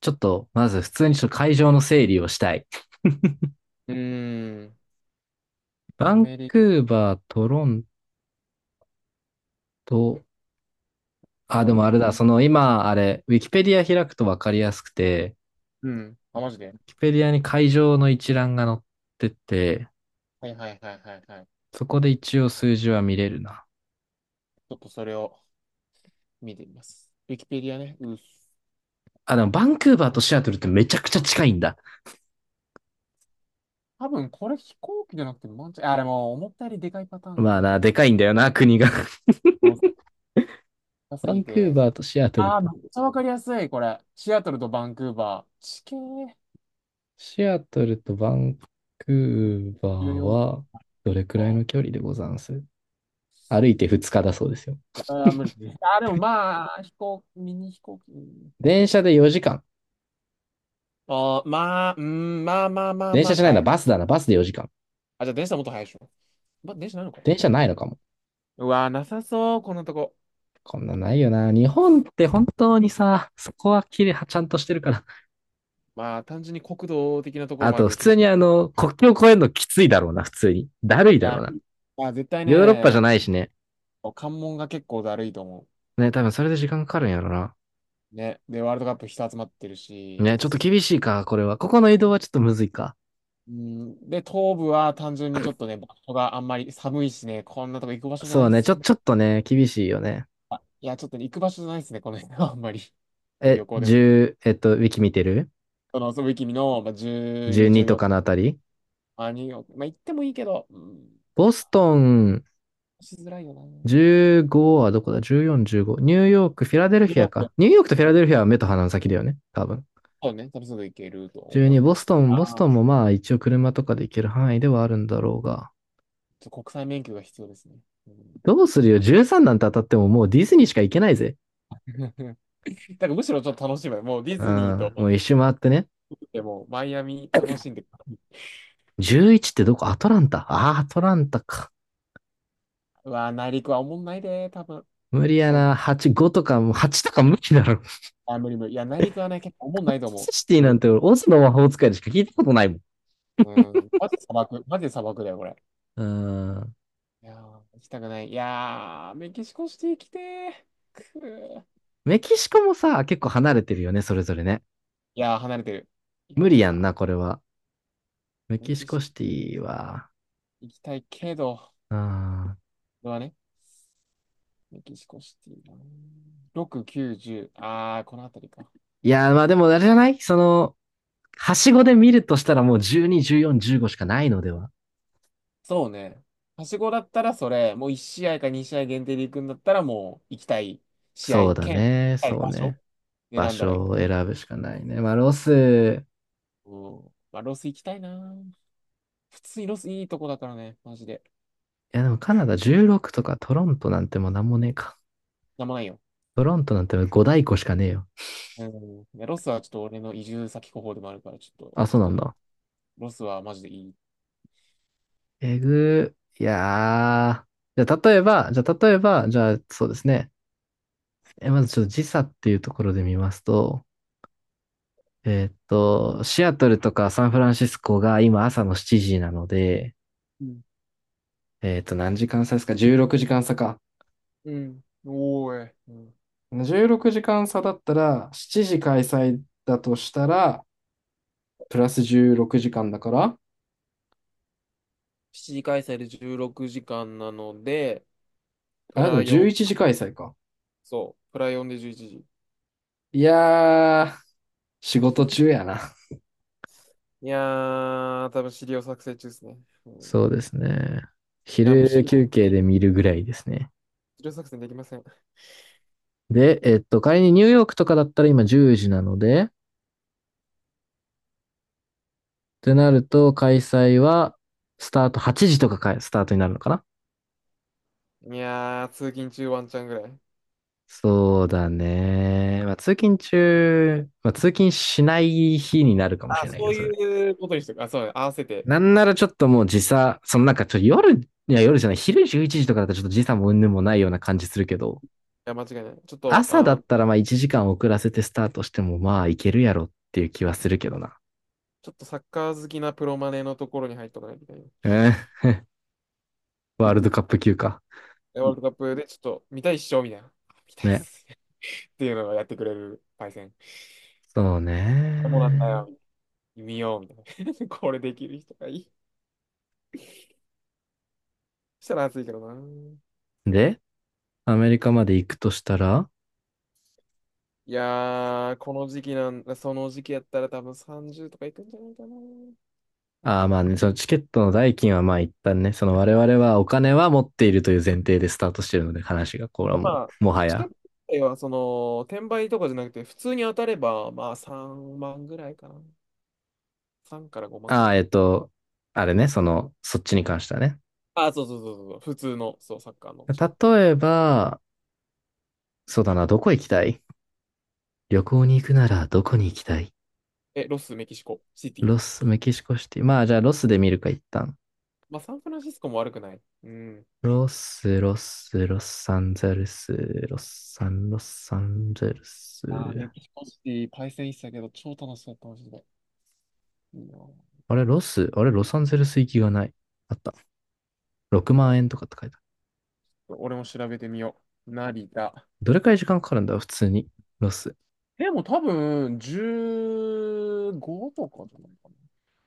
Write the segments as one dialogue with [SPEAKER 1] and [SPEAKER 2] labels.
[SPEAKER 1] ちょっと、まず普通にちょっと会場の整理をしたい。
[SPEAKER 2] うーん。
[SPEAKER 1] バ
[SPEAKER 2] ア
[SPEAKER 1] ン
[SPEAKER 2] メリ
[SPEAKER 1] クーバー、トロント、
[SPEAKER 2] カ
[SPEAKER 1] あ、で
[SPEAKER 2] だ、
[SPEAKER 1] もあれだ、その今、あれ、ウィキペディア開くとわかりやすくて、
[SPEAKER 2] うん。あ、マジで。
[SPEAKER 1] ウィキペディアに会場の一覧が載ってて、
[SPEAKER 2] はいはいはいはいはい。ち
[SPEAKER 1] そこで一応数字は見れるな。
[SPEAKER 2] ょっとそれを見てみます。ウィキペディアね。うっす。
[SPEAKER 1] あ、でもバンクーバーとシアトルってめちゃくちゃ近いんだ。
[SPEAKER 2] 多分これ飛行機じゃなくてマンチ、あ、でも思ったよりでかいパターンが
[SPEAKER 1] ま
[SPEAKER 2] あ
[SPEAKER 1] あ
[SPEAKER 2] ると
[SPEAKER 1] な、
[SPEAKER 2] 思う。
[SPEAKER 1] でかいんだよな、国が。
[SPEAKER 2] もう高す
[SPEAKER 1] バ
[SPEAKER 2] ぎ
[SPEAKER 1] ンクー
[SPEAKER 2] て。
[SPEAKER 1] バーとシアトルっ
[SPEAKER 2] あー、
[SPEAKER 1] て。
[SPEAKER 2] めっちゃわかりやすい、これ。シアトルとバンクーバー。地形
[SPEAKER 1] シアトルとバンクーバー
[SPEAKER 2] 14か。
[SPEAKER 1] は、どれくらいの距離でござんす？歩いて2日だそうですよ。
[SPEAKER 2] あー、無理。あー、でもまあ、ミニ飛行機。
[SPEAKER 1] 電車で4時間。
[SPEAKER 2] あー、まあ、うーん、まあまあまあ
[SPEAKER 1] 電
[SPEAKER 2] ま
[SPEAKER 1] 車
[SPEAKER 2] あ、
[SPEAKER 1] じゃない
[SPEAKER 2] 耐
[SPEAKER 1] な、
[SPEAKER 2] え。
[SPEAKER 1] バスだな、バスで4時間。
[SPEAKER 2] あ、じゃあ電車もっと速いでしょ。ま、電車なのか。
[SPEAKER 1] 電車ないのかも。
[SPEAKER 2] うわー、なさそう、このとこ。
[SPEAKER 1] こんなんないよな。日本って本当にさ、そこは綺麗はちゃんとしてるから。
[SPEAKER 2] まあ、単純に国土的なところ
[SPEAKER 1] あ
[SPEAKER 2] もある
[SPEAKER 1] と、
[SPEAKER 2] け
[SPEAKER 1] 普
[SPEAKER 2] ど、
[SPEAKER 1] 通
[SPEAKER 2] 広
[SPEAKER 1] に
[SPEAKER 2] い。
[SPEAKER 1] 国境越えるのきついだろうな、普通に。だるい
[SPEAKER 2] い
[SPEAKER 1] だろう
[SPEAKER 2] や、
[SPEAKER 1] な。
[SPEAKER 2] まあ、絶対
[SPEAKER 1] ヨーロッパじ
[SPEAKER 2] ね、
[SPEAKER 1] ゃないしね。
[SPEAKER 2] 関門が結構だるいと思
[SPEAKER 1] ね、多分それで時間かかるんやろな。
[SPEAKER 2] う。ね。で、ワールドカップ人集まってるし、
[SPEAKER 1] ね、ちょっと厳しいか、これは。ここの移動はちょっとむずいか。
[SPEAKER 2] うん、で、東部は単純にちょっとね、場所があんまり寒いしね、こんなとこ行く場所じゃ
[SPEAKER 1] そ
[SPEAKER 2] ない
[SPEAKER 1] う
[SPEAKER 2] っ
[SPEAKER 1] ね、
[SPEAKER 2] すよ。
[SPEAKER 1] ちょっとね、厳しいよね。
[SPEAKER 2] まあいや、ちょっとね、行く場所じゃないっすね、この辺はあんまり。旅行でも。
[SPEAKER 1] 10、ウィキ見てる？
[SPEAKER 2] その、遊ぶ君の、まあ、12、
[SPEAKER 1] 12 と
[SPEAKER 2] 14、
[SPEAKER 1] かのあたり
[SPEAKER 2] まあ、にまあ、行ってもいいけど、うん、
[SPEAKER 1] ボストン、
[SPEAKER 2] しづらいよな。
[SPEAKER 1] 15はどこだ？ 14、15。ニューヨーク、フィラデル
[SPEAKER 2] い
[SPEAKER 1] フィ
[SPEAKER 2] や
[SPEAKER 1] ア
[SPEAKER 2] い
[SPEAKER 1] か。ニューヨークとフィ
[SPEAKER 2] や、
[SPEAKER 1] ラデルフィアは目と鼻の先だよね。多分。
[SPEAKER 2] そうね、楽しんでいけると思
[SPEAKER 1] 12、
[SPEAKER 2] い
[SPEAKER 1] ボ
[SPEAKER 2] ま
[SPEAKER 1] ス
[SPEAKER 2] す。
[SPEAKER 1] トン、ボス
[SPEAKER 2] あー、
[SPEAKER 1] トンもまあ一応車とかで行ける範囲ではあるんだろうが。
[SPEAKER 2] ちょっと国際免許が必要ですね。う
[SPEAKER 1] どうするよ？ 13 なんて当たってももうディズニーしか行けないぜ。
[SPEAKER 2] ん。 だからむしろちょっと楽しむ。もうディ
[SPEAKER 1] う
[SPEAKER 2] ズニーと、
[SPEAKER 1] ん。もう一周回ってね。
[SPEAKER 2] でもマイアミ楽しんで。
[SPEAKER 1] 11ってどこ？アトランタ。ああ、アトランタか。
[SPEAKER 2] うわー、内陸はおもんないで、多分。
[SPEAKER 1] 無理や
[SPEAKER 2] そう、
[SPEAKER 1] な。8、5とか、もう8とか無理だろ。
[SPEAKER 2] あ、無理無理。いや、内陸はね、結構お
[SPEAKER 1] カ
[SPEAKER 2] も
[SPEAKER 1] ン
[SPEAKER 2] んないと
[SPEAKER 1] ザ
[SPEAKER 2] 思
[SPEAKER 1] ス
[SPEAKER 2] う。
[SPEAKER 1] シティ
[SPEAKER 2] 無
[SPEAKER 1] な
[SPEAKER 2] 理。
[SPEAKER 1] んて俺、オズの魔法使いでしか聞いたことないもん。
[SPEAKER 2] うん。マジで砂漠、マジで砂漠だよ、これ。
[SPEAKER 1] うん。
[SPEAKER 2] いやー、行きたくない。いやー、メキシコシティ来てー。くー。
[SPEAKER 1] メキシコもさ、結構離れてるよね、それぞれね。
[SPEAKER 2] いやー、離れてる。いや
[SPEAKER 1] 無理やん
[SPEAKER 2] ー、
[SPEAKER 1] な、これは。メ
[SPEAKER 2] メ
[SPEAKER 1] キ
[SPEAKER 2] キ
[SPEAKER 1] シ
[SPEAKER 2] シ
[SPEAKER 1] コ
[SPEAKER 2] コ
[SPEAKER 1] シティは、
[SPEAKER 2] 行きたいけど、
[SPEAKER 1] うん。
[SPEAKER 2] これはね、メキシコシティなー。6、9、0、あー、この辺りか。
[SPEAKER 1] いやー、まあでもあれじゃない？はしごで見るとしたらもう12、14、15しかないのでは？
[SPEAKER 2] そうね。はしごだったらそれ、もう1試合か2試合限定で行くんだったら、もう行きたい試
[SPEAKER 1] そう
[SPEAKER 2] 合、
[SPEAKER 1] だ
[SPEAKER 2] 兼、行き
[SPEAKER 1] ね。
[SPEAKER 2] たい
[SPEAKER 1] そう
[SPEAKER 2] 場所
[SPEAKER 1] ね。場
[SPEAKER 2] 選んだらいい。
[SPEAKER 1] 所を選ぶしかないね。まあロス、
[SPEAKER 2] うん。まあ、ロス行きたいな。普通にロスいいとこだからね、マジで。
[SPEAKER 1] いやでもカナダ16とかトロントなんてもうなんもねえか。
[SPEAKER 2] なんもないよ。
[SPEAKER 1] トロントなんて5大湖しかねえよ。
[SPEAKER 2] うん。ね、ロスはちょっと俺の移住先候補でもあるから、ちょっと
[SPEAKER 1] あ、
[SPEAKER 2] 行
[SPEAKER 1] そう
[SPEAKER 2] き
[SPEAKER 1] な
[SPEAKER 2] た
[SPEAKER 1] ん
[SPEAKER 2] い。
[SPEAKER 1] だ。
[SPEAKER 2] ロスはマジでいい。
[SPEAKER 1] えぐー。いやー。じゃあ例えば、じゃあそうですね。まずちょっと時差っていうところで見ますと、シアトルとかサンフランシスコが今朝の7時なので、
[SPEAKER 2] うん。
[SPEAKER 1] 何時間差ですか？ 16 時間差か。
[SPEAKER 2] うん。おーい。うん。
[SPEAKER 1] 16時間差だったら、7時開催だとしたら、プラス16時間だから、
[SPEAKER 2] 7時開催で16時間なので、プ
[SPEAKER 1] あ、で
[SPEAKER 2] ラ
[SPEAKER 1] も11
[SPEAKER 2] 4、
[SPEAKER 1] 時開催か。
[SPEAKER 2] そう、プラ4で11時。
[SPEAKER 1] いやー、仕事中やな。
[SPEAKER 2] いやー、多分資料作成中ですね。うん、
[SPEAKER 1] そ
[SPEAKER 2] い
[SPEAKER 1] うですね。
[SPEAKER 2] や、もう資
[SPEAKER 1] 昼
[SPEAKER 2] 料、
[SPEAKER 1] 休憩で
[SPEAKER 2] 資
[SPEAKER 1] 見るぐらいですね。
[SPEAKER 2] 料作成できません。
[SPEAKER 1] で、仮にニューヨークとかだったら今10時なので、ってなると、開催は、スタート8時とかか、スタートになるのかな？
[SPEAKER 2] いやー、通勤中ワンチャンぐらい。
[SPEAKER 1] そうだね。まあ、通勤中、まあ、通勤しない日になるかもし
[SPEAKER 2] あ、
[SPEAKER 1] れないけ
[SPEAKER 2] そ
[SPEAKER 1] ど、
[SPEAKER 2] う
[SPEAKER 1] それ。
[SPEAKER 2] いうことにしてる。あ、そうだね、合わせて。
[SPEAKER 1] なんならちょっともう時差、なんかちょっと夜、いや夜じゃない、昼11時とかだとちょっと時差も云々もないような感じするけど、
[SPEAKER 2] いや、間違いない。
[SPEAKER 1] 朝だったらまあ1時間遅らせてスタートしてもまあいけるやろっていう気はするけどな。
[SPEAKER 2] ちょっとサッカー好きなプロマネのところに入っとかないといけない。
[SPEAKER 1] えー、ワールドカップ級か。
[SPEAKER 2] でワールドカップでちょっと見たいっしょみたいな。あ、見たいっ
[SPEAKER 1] ね。
[SPEAKER 2] す。っていうのをやってくれるパイセン。
[SPEAKER 1] そう
[SPEAKER 2] そうなんだ
[SPEAKER 1] ね。
[SPEAKER 2] よ。見ようみたいな。これできる人がいい。そしたら熱いけどな。
[SPEAKER 1] で、アメリカまで行くとしたら、
[SPEAKER 2] いやー、この時期なん、その時期やったら多分30とかいくんじゃないかな。
[SPEAKER 1] ああ、まあね、そのチケットの代金はまあ一旦ね、その我々はお金は持っているという前提でスタートしてるので、話が、これはも
[SPEAKER 2] まあ、
[SPEAKER 1] う、もは
[SPEAKER 2] チケッ
[SPEAKER 1] や。
[SPEAKER 2] トはその、転売とかじゃなくて、普通に当たれば、まあ3万ぐらいかな。3から5万ぐ
[SPEAKER 1] あ
[SPEAKER 2] らい
[SPEAKER 1] あ、
[SPEAKER 2] か。
[SPEAKER 1] あれね、そっちに関してはね。
[SPEAKER 2] あ、そうそうそうそうそう、普通の、そう、サッカーのチケット。
[SPEAKER 1] 例えば、そうだな、どこ行きたい？旅行に行くならどこに行きたい？
[SPEAKER 2] え、ロス、メキシコ、シティ。
[SPEAKER 1] ロス、メキシコシティ。まあじゃあロスで見るか、一旦。
[SPEAKER 2] まあ、サンフランシスコも悪くない。うん。
[SPEAKER 1] ロス、ロサンゼルス、ロサンゼルス。
[SPEAKER 2] あー、メキシコシティ、対戦したけど、超楽しかった、マジで。いいな。
[SPEAKER 1] あれ、ロス、ロサンゼルス行きがない。あった。
[SPEAKER 2] な
[SPEAKER 1] 6
[SPEAKER 2] んか、
[SPEAKER 1] 万円とかって書いて、
[SPEAKER 2] 俺も調べてみよう。成田。
[SPEAKER 1] どれくらい時間かかるんだろう普通に。ロス。
[SPEAKER 2] でも多分、15とかじゃないか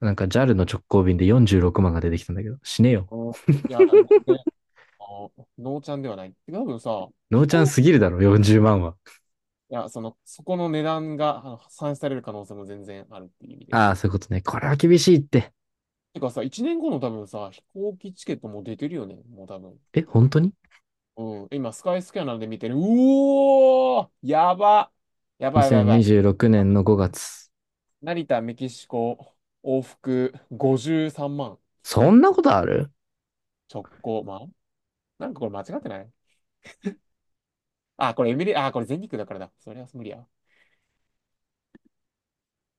[SPEAKER 1] なんか JAL の直行便で46万が出てきたんだけど、死ねよ。
[SPEAKER 2] な。うん、いや、全然、あのノーチャンではない。多分さ、
[SPEAKER 1] ノー
[SPEAKER 2] 飛
[SPEAKER 1] ちゃん
[SPEAKER 2] 行、
[SPEAKER 1] すぎるだろ、40万は。
[SPEAKER 2] いや、その、そこの値段があの算出される可能性も全然あるっていう意味で。
[SPEAKER 1] ああ、そういうことね。これは厳しいって。
[SPEAKER 2] てかさ、1年後の多分さ、飛行機チケットもう出てるよね、もう多分。
[SPEAKER 1] え、本当に？
[SPEAKER 2] うん、今、スカイスキャナーで見てる。うおー、やばいやばいやばい。
[SPEAKER 1] 2026 年の5月。
[SPEAKER 2] 成田、メキシコ、往復53万。
[SPEAKER 1] そんなことある？
[SPEAKER 2] 直行。まあ、なんかこれ間違ってない。あ、これエミリ、あ、これ全日空だからだ。それは無理や。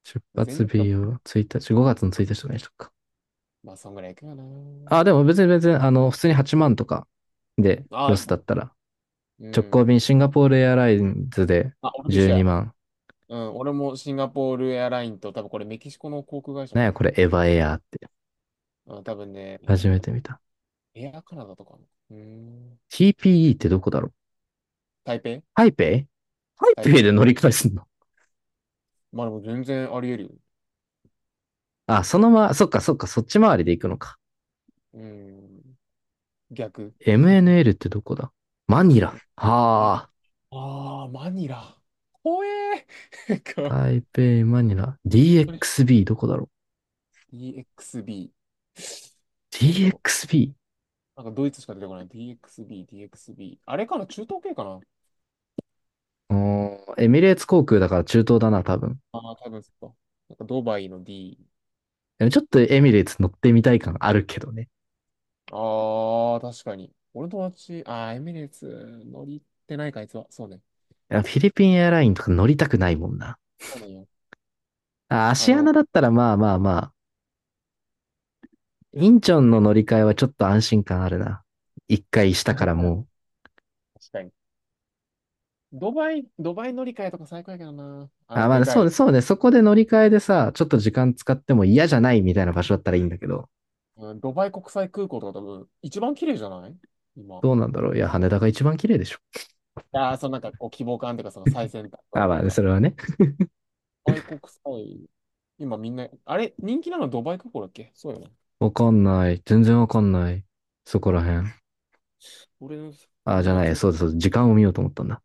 [SPEAKER 1] 出
[SPEAKER 2] 全
[SPEAKER 1] 発
[SPEAKER 2] 日空、
[SPEAKER 1] 日を1日、5月の1日とかにしとくか。
[SPEAKER 2] まあ、そんぐらい行くよ
[SPEAKER 1] ああ、
[SPEAKER 2] な。
[SPEAKER 1] でも別に、普通に8万とかで
[SPEAKER 2] あ、
[SPEAKER 1] ロ
[SPEAKER 2] いい。
[SPEAKER 1] スだったら、
[SPEAKER 2] う
[SPEAKER 1] 直行
[SPEAKER 2] ん。
[SPEAKER 1] 便シンガポールエアラインズで
[SPEAKER 2] あ、俺と一
[SPEAKER 1] 12
[SPEAKER 2] 緒や。
[SPEAKER 1] 万。
[SPEAKER 2] うん、俺もシンガポールエアラインと、多分これメキシコの航空会社
[SPEAKER 1] なん
[SPEAKER 2] か
[SPEAKER 1] や
[SPEAKER 2] な。
[SPEAKER 1] これ、エヴァエアーって。
[SPEAKER 2] うん、多分ね、
[SPEAKER 1] 初めて見た。
[SPEAKER 2] エアカナダとかの。うん。
[SPEAKER 1] TPE ってどこだろう？
[SPEAKER 2] 台北。
[SPEAKER 1] 台北。ハイ
[SPEAKER 2] 台
[SPEAKER 1] ペイで
[SPEAKER 2] 北、
[SPEAKER 1] 乗り換えすんの？
[SPEAKER 2] まあでも全然あり得るよ。
[SPEAKER 1] あ、そっかそっか、そっち回りで行くのか。
[SPEAKER 2] うん。逆。
[SPEAKER 1] MNL ってどこだ？マニラ。
[SPEAKER 2] え、え、
[SPEAKER 1] は
[SPEAKER 2] ああ、マニラ。怖えー。なん
[SPEAKER 1] あ、
[SPEAKER 2] か、
[SPEAKER 1] 台北、マニラ。
[SPEAKER 2] これ
[SPEAKER 1] DXB どこだろ
[SPEAKER 2] EXB。
[SPEAKER 1] う？
[SPEAKER 2] なんだろう。
[SPEAKER 1] DXB？
[SPEAKER 2] なんかドイツしか出てこない。DXB、DXB。あれかな、中東系かな。
[SPEAKER 1] うーエックスビーエミレーツ航空だから中東だな、多分。
[SPEAKER 2] ああー、多分そっか。なんかドバイの D。
[SPEAKER 1] ちょっとエミレーツ乗ってみたい感あるけどね。
[SPEAKER 2] ああ、確かに。俺の友達、ああ、エミレーツ乗りってないか、あいつは。そうね。
[SPEAKER 1] フィリピンエアラインとか乗りたくないもんな。
[SPEAKER 2] そうなんよ。
[SPEAKER 1] あ、ア
[SPEAKER 2] あ
[SPEAKER 1] シア
[SPEAKER 2] の、
[SPEAKER 1] ナだったらまあまあまあ、インチョンの乗り換えはちょっと安心感あるな。一回し たか
[SPEAKER 2] 確
[SPEAKER 1] らもう。
[SPEAKER 2] かに。ドバイ乗り換えとか最高やけどな。
[SPEAKER 1] あ、まあ
[SPEAKER 2] で
[SPEAKER 1] ね、
[SPEAKER 2] か
[SPEAKER 1] そう
[SPEAKER 2] い。
[SPEAKER 1] ね、そうね。そこで乗り換えでさ、ちょっと時間使っても嫌じゃないみたいな場所だったらいいんだけど、
[SPEAKER 2] うん、ドバイ国際空港とか多分、一番綺麗じゃない今。
[SPEAKER 1] どうなんだろう。いや、羽田が一番綺麗でしょ。
[SPEAKER 2] ああ、そのなんか、こう、希望感というか、その最先端具
[SPEAKER 1] あ、
[SPEAKER 2] 合と
[SPEAKER 1] ま
[SPEAKER 2] い
[SPEAKER 1] あ
[SPEAKER 2] う
[SPEAKER 1] ね、
[SPEAKER 2] か。
[SPEAKER 1] それはね。
[SPEAKER 2] ドバイ国際、今みんな、あれ、人気なのドバイ空港だっけ。そうよね。
[SPEAKER 1] わかんない。全然わかんない。そこら辺。
[SPEAKER 2] 俺の
[SPEAKER 1] あ、じゃ
[SPEAKER 2] 友
[SPEAKER 1] な
[SPEAKER 2] 達
[SPEAKER 1] い。
[SPEAKER 2] が、
[SPEAKER 1] そうですそうです、時間を見ようと思ったんだ。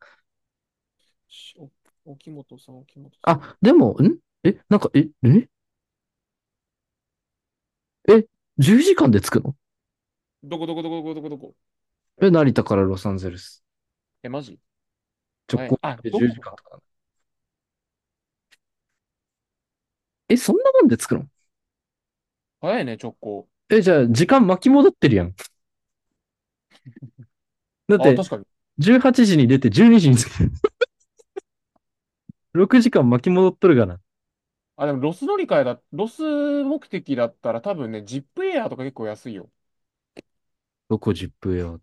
[SPEAKER 2] しお、沖本さん、沖本さん。
[SPEAKER 1] あ、でも、なんか、え、10時間で着くの？
[SPEAKER 2] どこどこどこどこどこどこ。
[SPEAKER 1] え、成田からロサンゼルス。
[SPEAKER 2] え、マジ
[SPEAKER 1] 直
[SPEAKER 2] 早いね。
[SPEAKER 1] 行
[SPEAKER 2] あ、
[SPEAKER 1] 便で
[SPEAKER 2] ど
[SPEAKER 1] 10時
[SPEAKER 2] こ
[SPEAKER 1] 間
[SPEAKER 2] か。
[SPEAKER 1] とかなの？え、そんなもんで着くの？
[SPEAKER 2] 早いね、直行。
[SPEAKER 1] じゃあ、時間巻き戻ってるやん。だっ
[SPEAKER 2] あ、
[SPEAKER 1] て、
[SPEAKER 2] 確かに。
[SPEAKER 1] 18時に出て12時に着く。6時間巻き戻っとるがな。
[SPEAKER 2] あ、でもロス乗り換えだ、ロス目的だったら多分ね、ジップエアーとか結構安いよ。
[SPEAKER 1] どこジップよ。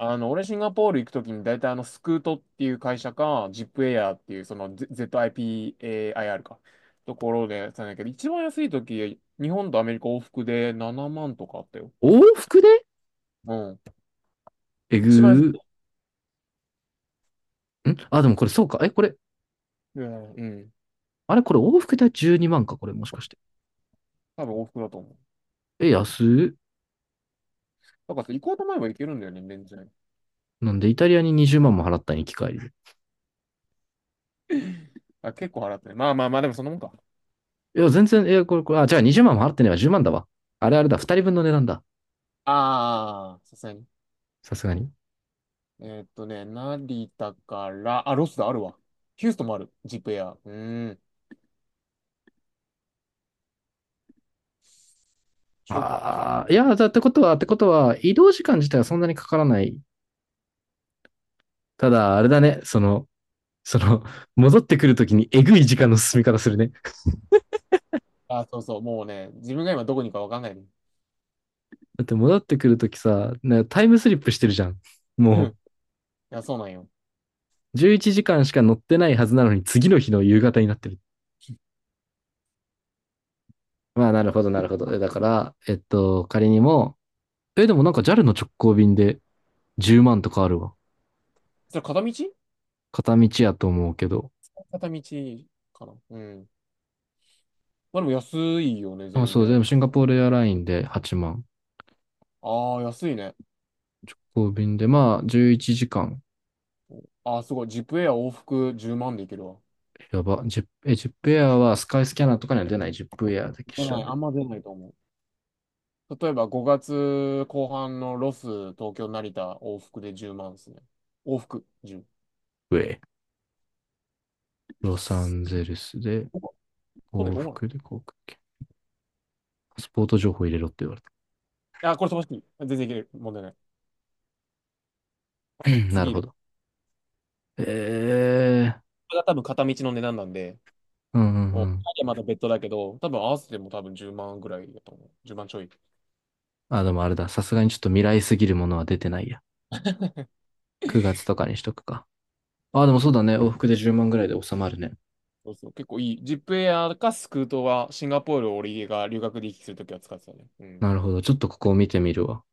[SPEAKER 2] 俺シンガポール行くときに大体スクートっていう会社か、ジップエアーっていうその ZIPAIR か、ところでやってたんだけど、一番安いとき、日本とアメリカ往復で7万とかあったよ。
[SPEAKER 1] 往復で
[SPEAKER 2] うん。
[SPEAKER 1] えぐ
[SPEAKER 2] 一番安いと
[SPEAKER 1] ー。
[SPEAKER 2] き。
[SPEAKER 1] あ、でもこれそうか。これ、
[SPEAKER 2] うん。うん、
[SPEAKER 1] あれこれ往復で12万か、これもしかして。
[SPEAKER 2] 多分往復だと思う。
[SPEAKER 1] え、安い？
[SPEAKER 2] なんか行こうと思えば行けるんだよね、全然。
[SPEAKER 1] なんでイタリアに20万も払ったん、行き帰りで。
[SPEAKER 2] あ、結構払ってね。まあまあまあ、でもそんなもんか。
[SPEAKER 1] いや、全然、これ、あ、じゃあ20万も払ってねえわ、10万だわ。あれあれだ、2人分の値段だ。
[SPEAKER 2] ああ、さすがに。
[SPEAKER 1] さすがに。
[SPEAKER 2] 成田から、あ、ロスだ、あるわ。ヒューストンもある、ジップエア。うーん。直帰。
[SPEAKER 1] ああ、いや、だってことは、ってことは、移動時間自体はそんなにかからない。ただ、あれだね、その、戻ってくるときにえぐい時間の進み方するね。
[SPEAKER 2] あ、そうそう、もうね、自分が今どこにいるかわかんないね。
[SPEAKER 1] だって戻ってくるときさ、タイムスリップしてるじゃん。
[SPEAKER 2] うん、
[SPEAKER 1] も
[SPEAKER 2] いや、そうなんよ。
[SPEAKER 1] 11時間しか乗ってないはずなのに、次の日の夕方になってる。まあ、なるほど、なるほど。だから、仮にも、え、でもなんか JAL の直行便で10万とかあるわ。
[SPEAKER 2] それ片道
[SPEAKER 1] 片道やと思うけど。
[SPEAKER 2] 片道かな。うん。まあでも安いよね、
[SPEAKER 1] あ、
[SPEAKER 2] 全
[SPEAKER 1] そう、で
[SPEAKER 2] 然。
[SPEAKER 1] もシンガポールエアラインで8万。
[SPEAKER 2] ああ、安いね。
[SPEAKER 1] 直行便で、まあ、11時間。
[SPEAKER 2] ああ、すごい。ジップエア往復10万でいけるわ。
[SPEAKER 1] やば。ジップエアはスカイスキャナーとかには出ない。ジップエアだけ
[SPEAKER 2] 出
[SPEAKER 1] 調
[SPEAKER 2] ない、
[SPEAKER 1] べ
[SPEAKER 2] あん
[SPEAKER 1] る。
[SPEAKER 2] ま出ないと思う。例えば5月後半のロス、東京、成田、往復で10万ですね。往復10。
[SPEAKER 1] ウェイ。ロ
[SPEAKER 2] 安
[SPEAKER 1] サ
[SPEAKER 2] っ。
[SPEAKER 1] ンゼルスで、
[SPEAKER 2] こここね、
[SPEAKER 1] 往
[SPEAKER 2] どう
[SPEAKER 1] 復で航空券。パスポート情報入れろって言われ
[SPEAKER 2] なの。あ、これ飛ばしていい。全然いける。問題ない。
[SPEAKER 1] た。なる
[SPEAKER 2] 次
[SPEAKER 1] ほ
[SPEAKER 2] で。こ
[SPEAKER 1] ど。ええ、
[SPEAKER 2] れが多分片道の値段なんで、
[SPEAKER 1] うんうん
[SPEAKER 2] も
[SPEAKER 1] う
[SPEAKER 2] う、
[SPEAKER 1] ん。
[SPEAKER 2] 帰りはまだ別途だけど、多分合わせても多分10万ぐらいだと思う。10万ちょい。
[SPEAKER 1] あ、でもあれだ。さすがにちょっと未来すぎるものは出てないや。9月とかにしとくか。あ、でもそう
[SPEAKER 2] ジ
[SPEAKER 1] だね。往復で10万ぐらいで収まるね。
[SPEAKER 2] そうそう、結構いい。ジップエアかスクートはシンガポールを俺が留学で行き来するときは使ってたね。うん。
[SPEAKER 1] なるほど。ちょっとここを見てみるわ。